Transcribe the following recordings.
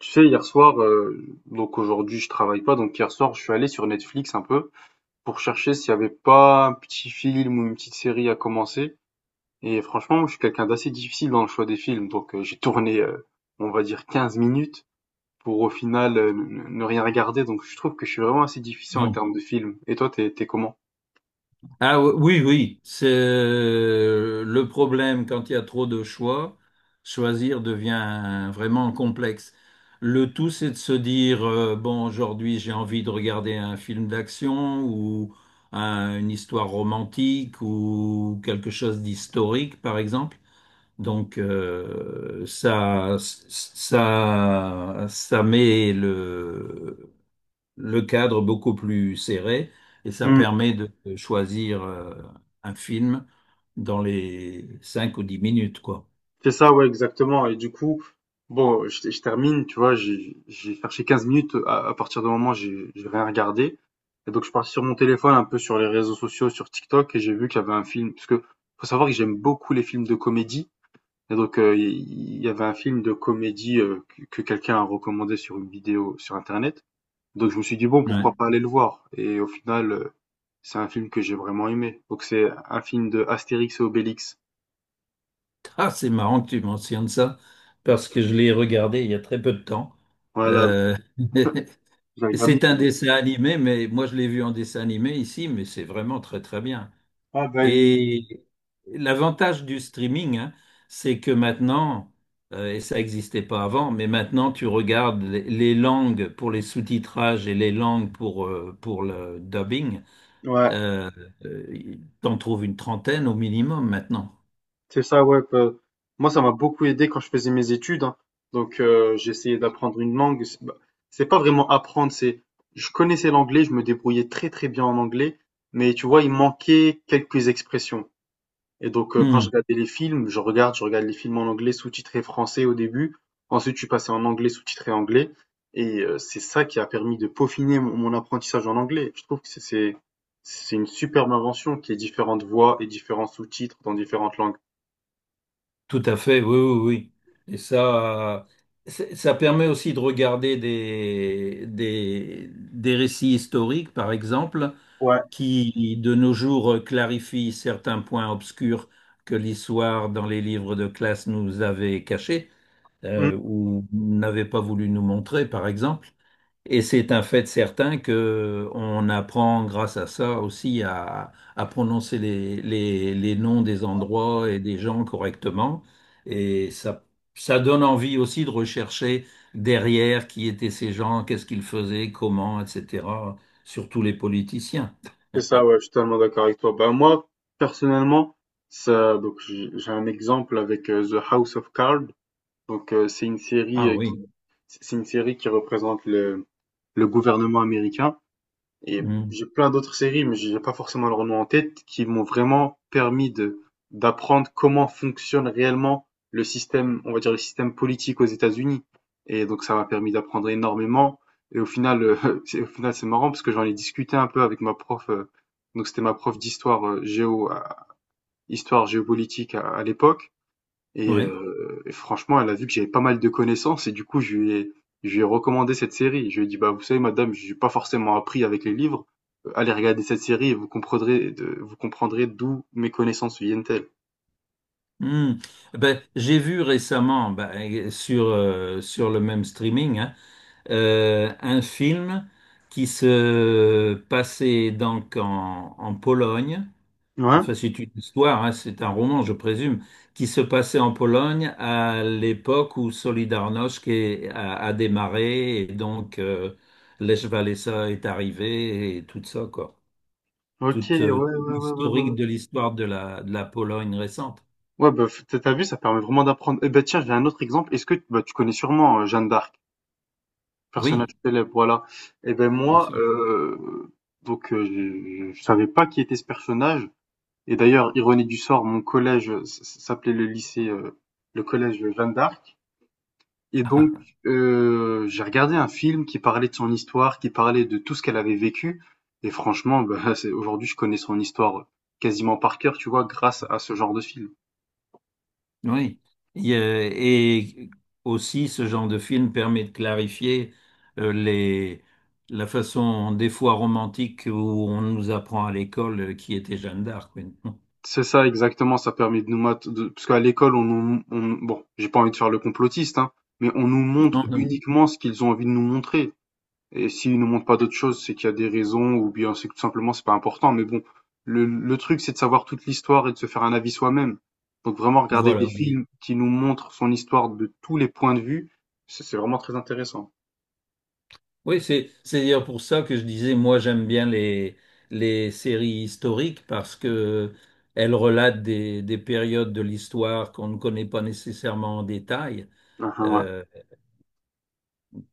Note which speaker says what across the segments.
Speaker 1: Tu sais, hier soir, donc aujourd'hui je travaille pas, donc hier soir je suis allé sur Netflix un peu pour chercher s'il y avait pas un petit film ou une petite série à commencer. Et franchement, moi, je suis quelqu'un d'assez difficile dans le choix des films, donc j'ai tourné, on va dire, 15 minutes pour au final ne rien regarder, donc je trouve que je suis vraiment assez difficile en
Speaker 2: Bon.
Speaker 1: termes de films. Et toi, t'es comment?
Speaker 2: Ah oui, oui, oui. C'est le problème quand il y a trop de choix, choisir devient vraiment complexe. Le tout, c'est de se dire, bon, aujourd'hui j'ai envie de regarder un film d'action ou une histoire romantique ou quelque chose d'historique, par exemple. Donc ça met le cadre beaucoup plus serré et ça permet Mhm. de choisir un film dans les 5 ou 10 minutes, quoi.
Speaker 1: C'est ça, ouais, exactement. Et du coup, bon, je termine, tu vois, j'ai cherché 15 minutes à partir du moment où j'ai rien regardé. Et donc, je suis parti sur mon téléphone, un peu sur les réseaux sociaux, sur TikTok, et j'ai vu qu'il y avait un film, parce que faut savoir que j'aime beaucoup les films de comédie. Et donc, il y avait un film de comédie que quelqu'un a recommandé sur une vidéo sur Internet. Donc, je me suis dit, bon, pourquoi
Speaker 2: Ouais.
Speaker 1: pas aller le voir? Et au final, c'est un film que j'ai vraiment aimé. Donc, c'est un film de Astérix et Obélix.
Speaker 2: Ah, c'est marrant que tu mentionnes ça parce que je l'ai regardé il y a très peu de temps.
Speaker 1: Voilà,
Speaker 2: Euh,
Speaker 1: j'ai regardé.
Speaker 2: c'est un dessin animé, mais moi je l'ai vu en dessin animé ici, mais c'est vraiment très très bien.
Speaker 1: Ah, bah,
Speaker 2: Et l'avantage du streaming, hein, c'est que maintenant, et ça n'existait pas avant, mais maintenant tu regardes les langues pour les sous-titrages et les langues pour le dubbing,
Speaker 1: ouais,
Speaker 2: euh, euh, t'en trouves une trentaine au minimum maintenant.
Speaker 1: c'est ça, ouais. Moi, ça m'a beaucoup aidé quand je faisais mes études, hein. Donc, j'essayais d'apprendre une langue. C'est bah, c'est pas vraiment apprendre, c'est. Je connaissais l'anglais, je me débrouillais très très bien en anglais, mais tu vois, il manquait quelques expressions. Et donc, quand je
Speaker 2: Hmm,
Speaker 1: regardais les films, je regarde les films en anglais sous-titré français au début. Ensuite, je suis passé en anglais sous-titré anglais. Et c'est ça qui a permis de peaufiner mon apprentissage en anglais. Je trouve que c'est une superbe invention qui est différentes voix et différents sous-titres dans différentes langues.
Speaker 2: tout à fait, oui, oui, oui. Et ça, ça permet aussi de regarder des récits historiques, par exemple,
Speaker 1: Ouais,
Speaker 2: qui de nos jours clarifie certains points obscurs que l'histoire dans les livres de classe nous avait cachés
Speaker 1: mmh,
Speaker 2: ou n'avait pas voulu nous montrer, par exemple. Et c'est un fait certain que on apprend grâce à ça aussi à prononcer les noms des endroits et des gens correctement. Et ça donne envie aussi de rechercher derrière qui étaient ces gens, qu'est-ce qu'ils faisaient, comment, etc., surtout les politiciens.
Speaker 1: c'est ça, ouais, je suis totalement d'accord avec toi. Bah, moi, personnellement, ça, donc, j'ai un exemple avec The House of Cards. Donc, c'est une série,
Speaker 2: Ah oui.
Speaker 1: c'est une série qui représente le gouvernement américain. Et
Speaker 2: Mm.
Speaker 1: j'ai plein d'autres séries, mais j'ai pas forcément leur nom en tête, qui m'ont vraiment permis de d'apprendre comment fonctionne réellement le système, on va dire le système politique aux États-Unis. Et donc ça m'a permis d'apprendre énormément. Et au final, au final c'est marrant parce que j'en ai discuté un peu avec ma prof, donc c'était ma prof d'histoire géo, histoire géopolitique à l'époque. Et,
Speaker 2: Ouais.
Speaker 1: heu, et franchement, elle a vu que j'avais pas mal de connaissances et du coup, je lui ai recommandé cette série. Je lui ai dit: «Bah, vous savez, madame, j'ai pas forcément appris avec les livres. Allez regarder cette série et vous comprendrez d'où mes connaissances viennent-elles».
Speaker 2: Mm. Ben, j'ai vu récemment ben, sur le même streaming hein, un film qui se passait donc en Pologne.
Speaker 1: Ouais?
Speaker 2: Enfin, c'est une histoire, hein, c'est un roman, je présume, qui se passait en Pologne à l'époque où Solidarność a démarré et donc Lech Walesa est arrivé et tout ça, quoi.
Speaker 1: OK, ouais,
Speaker 2: Toute,
Speaker 1: ouais,
Speaker 2: toute
Speaker 1: ouais, ouais, ouais,
Speaker 2: l'historique
Speaker 1: ouais.
Speaker 2: de l'histoire de de la Pologne récente.
Speaker 1: Ouais, bah, f tu as vu, ça permet vraiment d'apprendre. Eh ben, tiens, j'ai un autre exemple. Est-ce que bah, tu connais sûrement, Jeanne d'Arc, personnage
Speaker 2: Oui.
Speaker 1: célèbre, voilà. Et ben
Speaker 2: Bien
Speaker 1: moi,
Speaker 2: sûr.
Speaker 1: je savais pas qui était ce personnage. Et d'ailleurs, ironie du sort, mon collège s'appelait le collège Jeanne d'Arc. Et donc, j'ai regardé un film qui parlait de son histoire, qui parlait de tout ce qu'elle avait vécu. Et franchement, bah, aujourd'hui, je connais son histoire quasiment par cœur, tu vois, grâce à ce genre de film.
Speaker 2: Oui. Et aussi, ce genre de film permet de clarifier euh, les, la façon, des fois romantique, où on nous apprend à l'école qui était Jeanne d'Arc. Oui. Non,
Speaker 1: C'est ça, exactement. Ça permet de parce qu'à l'école, on nous, bon, j'ai pas envie de faire le complotiste, hein, mais on nous
Speaker 2: non.
Speaker 1: montre
Speaker 2: Non.
Speaker 1: uniquement ce qu'ils ont envie de nous montrer. Et s'ils nous montrent pas d'autres choses, c'est qu'il y a des raisons ou bien c'est que tout simplement c'est pas important. Mais bon, le truc c'est de savoir toute l'histoire et de se faire un avis soi-même. Donc vraiment regarder des
Speaker 2: Voilà.
Speaker 1: films qui nous montrent son histoire de tous les points de vue, c'est vraiment très intéressant.
Speaker 2: Oui, c'est d'ailleurs pour ça que je disais, moi, j'aime bien les séries historiques parce que elles relatent des périodes de l'histoire qu'on ne connaît pas nécessairement en détail.
Speaker 1: Ah, ah, ouais.
Speaker 2: Euh,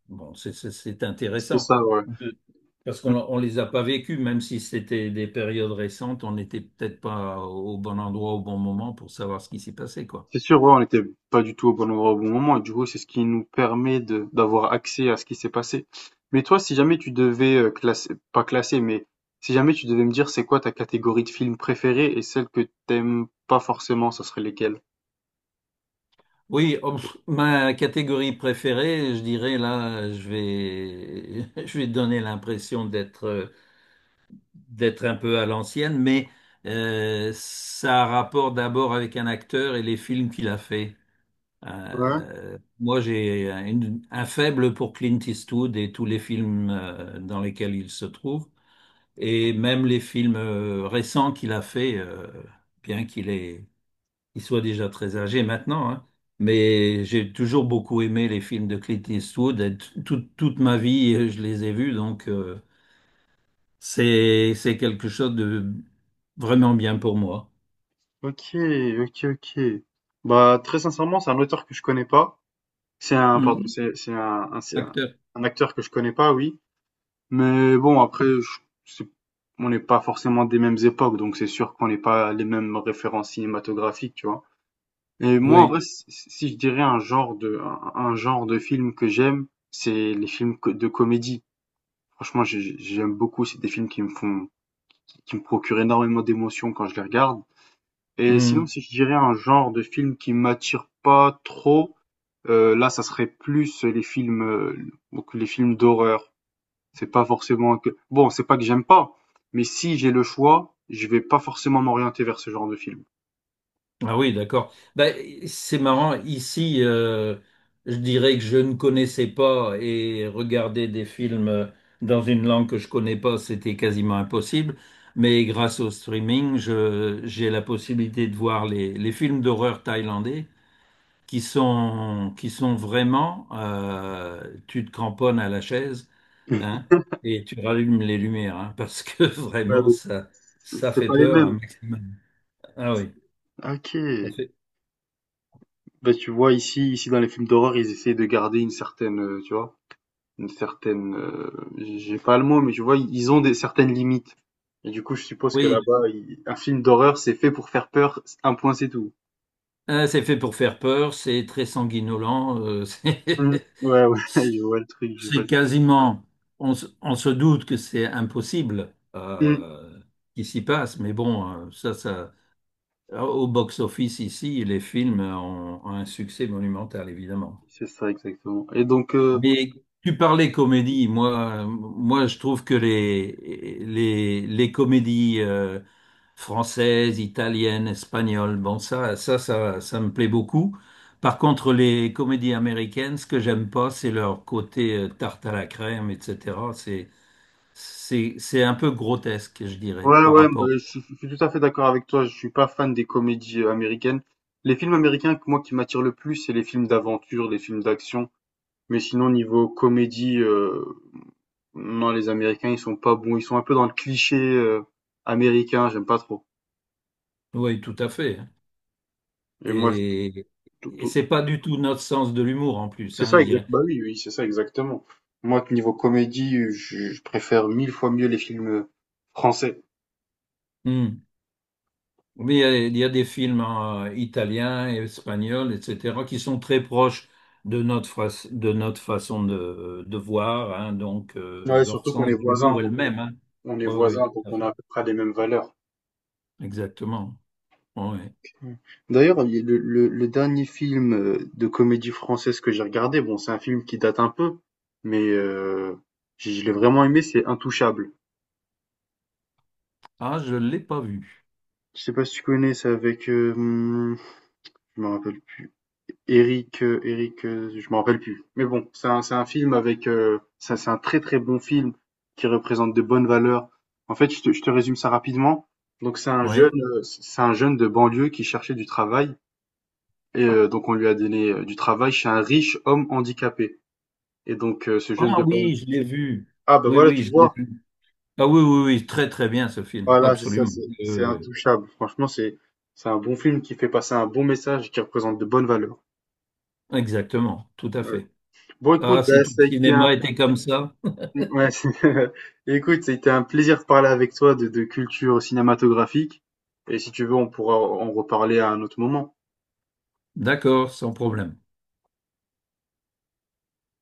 Speaker 2: Bon, c'est
Speaker 1: C'est
Speaker 2: intéressant
Speaker 1: ça, ouais.
Speaker 2: de- parce qu'on on les a pas vécus, même si c'était des périodes récentes, on n'était peut-être pas au bon endroit au bon moment pour savoir ce qui s'y passait, quoi.
Speaker 1: C'est sûr, ouais, on n'était pas du tout au bon endroit au bon moment, et du coup, c'est ce qui nous permet de d'avoir accès à ce qui s'est passé. Mais toi, si jamais tu devais classer, pas classer, mais si jamais tu devais me dire c'est quoi ta catégorie de films préférée et celle que t'aimes pas forcément, ça serait lesquelles?
Speaker 2: Oui, oh, pff, ma catégorie préférée, je dirais là, je vais donner l'impression d'être un peu à l'ancienne, mais ça a rapport d'abord avec un acteur et les films qu'il a fait.
Speaker 1: Ouais,
Speaker 2: Moi, j'ai un faible pour Clint Eastwood et tous les films dans lesquels il se trouve, et même les films récents qu'il a fait, bien qu'il est, il soit déjà très âgé maintenant, hein, mais j'ai toujours beaucoup aimé les films de Clint Eastwood. Et toute toute ma vie, je les ai vus, donc c'est quelque chose de vraiment bien pour moi.
Speaker 1: ok, ok, ok. Bah, très sincèrement, c'est un auteur que je connais pas. C'est un, pardon,
Speaker 2: Hmm.
Speaker 1: c'est c'est un, un- c'est un
Speaker 2: Acteur.
Speaker 1: un acteur que je connais pas, oui. Mais bon, après, je c'est on n'est pas forcément des mêmes époques, donc c'est sûr qu'on n'est pas les mêmes références cinématographiques, tu vois. Et moi, en
Speaker 2: Oui.
Speaker 1: vrai, si je dirais un genre de film que j'aime, c'est les films de comédie. Franchement, j'aime beaucoup. C'est des films qui me procurent énormément d'émotions quand je les regarde. Et sinon,
Speaker 2: Mmh.
Speaker 1: si je dirais un genre de film qui m'attire pas trop, là, ça serait plus les films, donc les films d'horreur. C'est pas forcément que bon, c'est pas que j'aime pas, mais si j'ai le choix, je vais pas forcément m'orienter vers ce genre de film.
Speaker 2: Ah oui, d'accord. Bah, c'est marrant. Ici, je dirais que je ne connaissais pas et regarder des films dans une langue que je connais pas, c'était quasiment impossible. Mais grâce au streaming, j'ai la possibilité de voir les films d'horreur thaïlandais qui sont vraiment, tu te cramponnes à la chaise,
Speaker 1: Mm.
Speaker 2: hein, et tu rallumes les lumières, hein, parce que
Speaker 1: Ouais,
Speaker 2: vraiment,
Speaker 1: donc, c'est
Speaker 2: ça
Speaker 1: c'est
Speaker 2: fait
Speaker 1: pas les
Speaker 2: peur un
Speaker 1: mêmes.
Speaker 2: maximum. Ah oui,
Speaker 1: Ok.
Speaker 2: ça fait.
Speaker 1: Bah, tu vois, ici, dans les films d'horreur, ils essayent de garder une certaine, tu vois, une certaine, j'ai pas le mot, mais tu vois, ils ont des certaines limites. Et du coup, je suppose que
Speaker 2: Oui.
Speaker 1: là-bas, un film d'horreur, c'est fait pour faire peur, un point, c'est tout.
Speaker 2: Ah, c'est fait pour faire peur, c'est très sanguinolent, c'est
Speaker 1: Mm. Ouais, ouais, je vois le truc, je vois
Speaker 2: c'est
Speaker 1: le truc.
Speaker 2: quasiment, on se doute que c'est impossible
Speaker 1: Mm.
Speaker 2: qu'il s'y passe, mais bon, au box-office ici, les films ont un succès monumental, évidemment.
Speaker 1: C'est ça, exactement.
Speaker 2: Mais tu parlais comédie. Moi, je trouve que les les comédies françaises, italiennes, espagnoles, bon ça me plaît beaucoup. Par contre, les comédies américaines, ce que j'aime pas, c'est leur côté tarte à la crème, etc. C'est un peu grotesque, je dirais,
Speaker 1: Ouais,
Speaker 2: par
Speaker 1: ouais, bah,
Speaker 2: rapport.
Speaker 1: je suis tout à fait d'accord avec toi. Je suis pas fan des comédies américaines. Les films américains, que moi, qui m'attirent le plus, c'est les films d'aventure, les films d'action. Mais sinon, niveau comédie, non, les Américains, ils sont pas bons. Ils sont un peu dans le cliché américain. J'aime pas trop.
Speaker 2: Oui, tout à fait. Hein.
Speaker 1: Et moi, je-
Speaker 2: Et
Speaker 1: tout-
Speaker 2: et
Speaker 1: tout-
Speaker 2: c'est pas du tout notre sens de l'humour en plus,
Speaker 1: C'est
Speaker 2: hein,
Speaker 1: ça
Speaker 2: je
Speaker 1: exact.
Speaker 2: dirais.
Speaker 1: Bah oui, oui, c'est ça exactement. Moi, niveau comédie, je préfère mille fois mieux les films français.
Speaker 2: Hmm. Il y a des films hein, italiens et espagnols, etc., qui sont très proches de notre, de notre façon de voir, hein. Donc
Speaker 1: Ouais,
Speaker 2: leur
Speaker 1: surtout qu'on
Speaker 2: sens
Speaker 1: est
Speaker 2: de
Speaker 1: voisins,
Speaker 2: l'humour est le
Speaker 1: donc on,
Speaker 2: même. Hein.
Speaker 1: on est
Speaker 2: Oui, oui,
Speaker 1: voisins,
Speaker 2: tout
Speaker 1: donc
Speaker 2: à
Speaker 1: on a
Speaker 2: fait.
Speaker 1: à peu près les mêmes valeurs.
Speaker 2: Exactement. Ouais. Ouais.
Speaker 1: Ouais. D'ailleurs, il y a le dernier film, de comédie française que j'ai regardé, bon, c'est un film qui date un peu, mais je l'ai vraiment aimé, c'est Intouchables.
Speaker 2: Ah, je ne l'ai pas vu.
Speaker 1: Je sais pas si tu connais? C'est avec, je me rappelle plus, Éric, je me rappelle plus. Mais bon, c'est un film avec, ça c'est un très très bon film qui représente de bonnes valeurs. En fait, je te résume ça rapidement. Donc
Speaker 2: Oui.
Speaker 1: c'est un jeune de banlieue qui cherchait du travail et donc on lui a donné, du travail chez un riche homme handicapé. Et donc, ce jeune
Speaker 2: Ah
Speaker 1: de Ban-.
Speaker 2: oui, je l'ai vu.
Speaker 1: Ah bah
Speaker 2: Oui,
Speaker 1: voilà,
Speaker 2: oui,
Speaker 1: tu
Speaker 2: je l'ai
Speaker 1: vois.
Speaker 2: vu. Ah oui, oui, oui, très très bien ce film,
Speaker 1: Voilà, c'est ça,
Speaker 2: absolument.
Speaker 1: c'est
Speaker 2: Oui,
Speaker 1: c'est
Speaker 2: oui.
Speaker 1: intouchable. Franchement, c'est un bon film qui fait passer un bon message qui représente de bonnes valeurs.
Speaker 2: Oui. Exactement, tout à
Speaker 1: Ouais.
Speaker 2: fait.
Speaker 1: Bon,
Speaker 2: Ah,
Speaker 1: écoute,
Speaker 2: si
Speaker 1: bah,
Speaker 2: tout le
Speaker 1: ça a été
Speaker 2: cinéma était comme ça,
Speaker 1: ouais, écoute, ça a été un plaisir de parler avec toi de culture cinématographique. Et si tu veux, on pourra en reparler à un autre moment.
Speaker 2: d'accord, sans problème.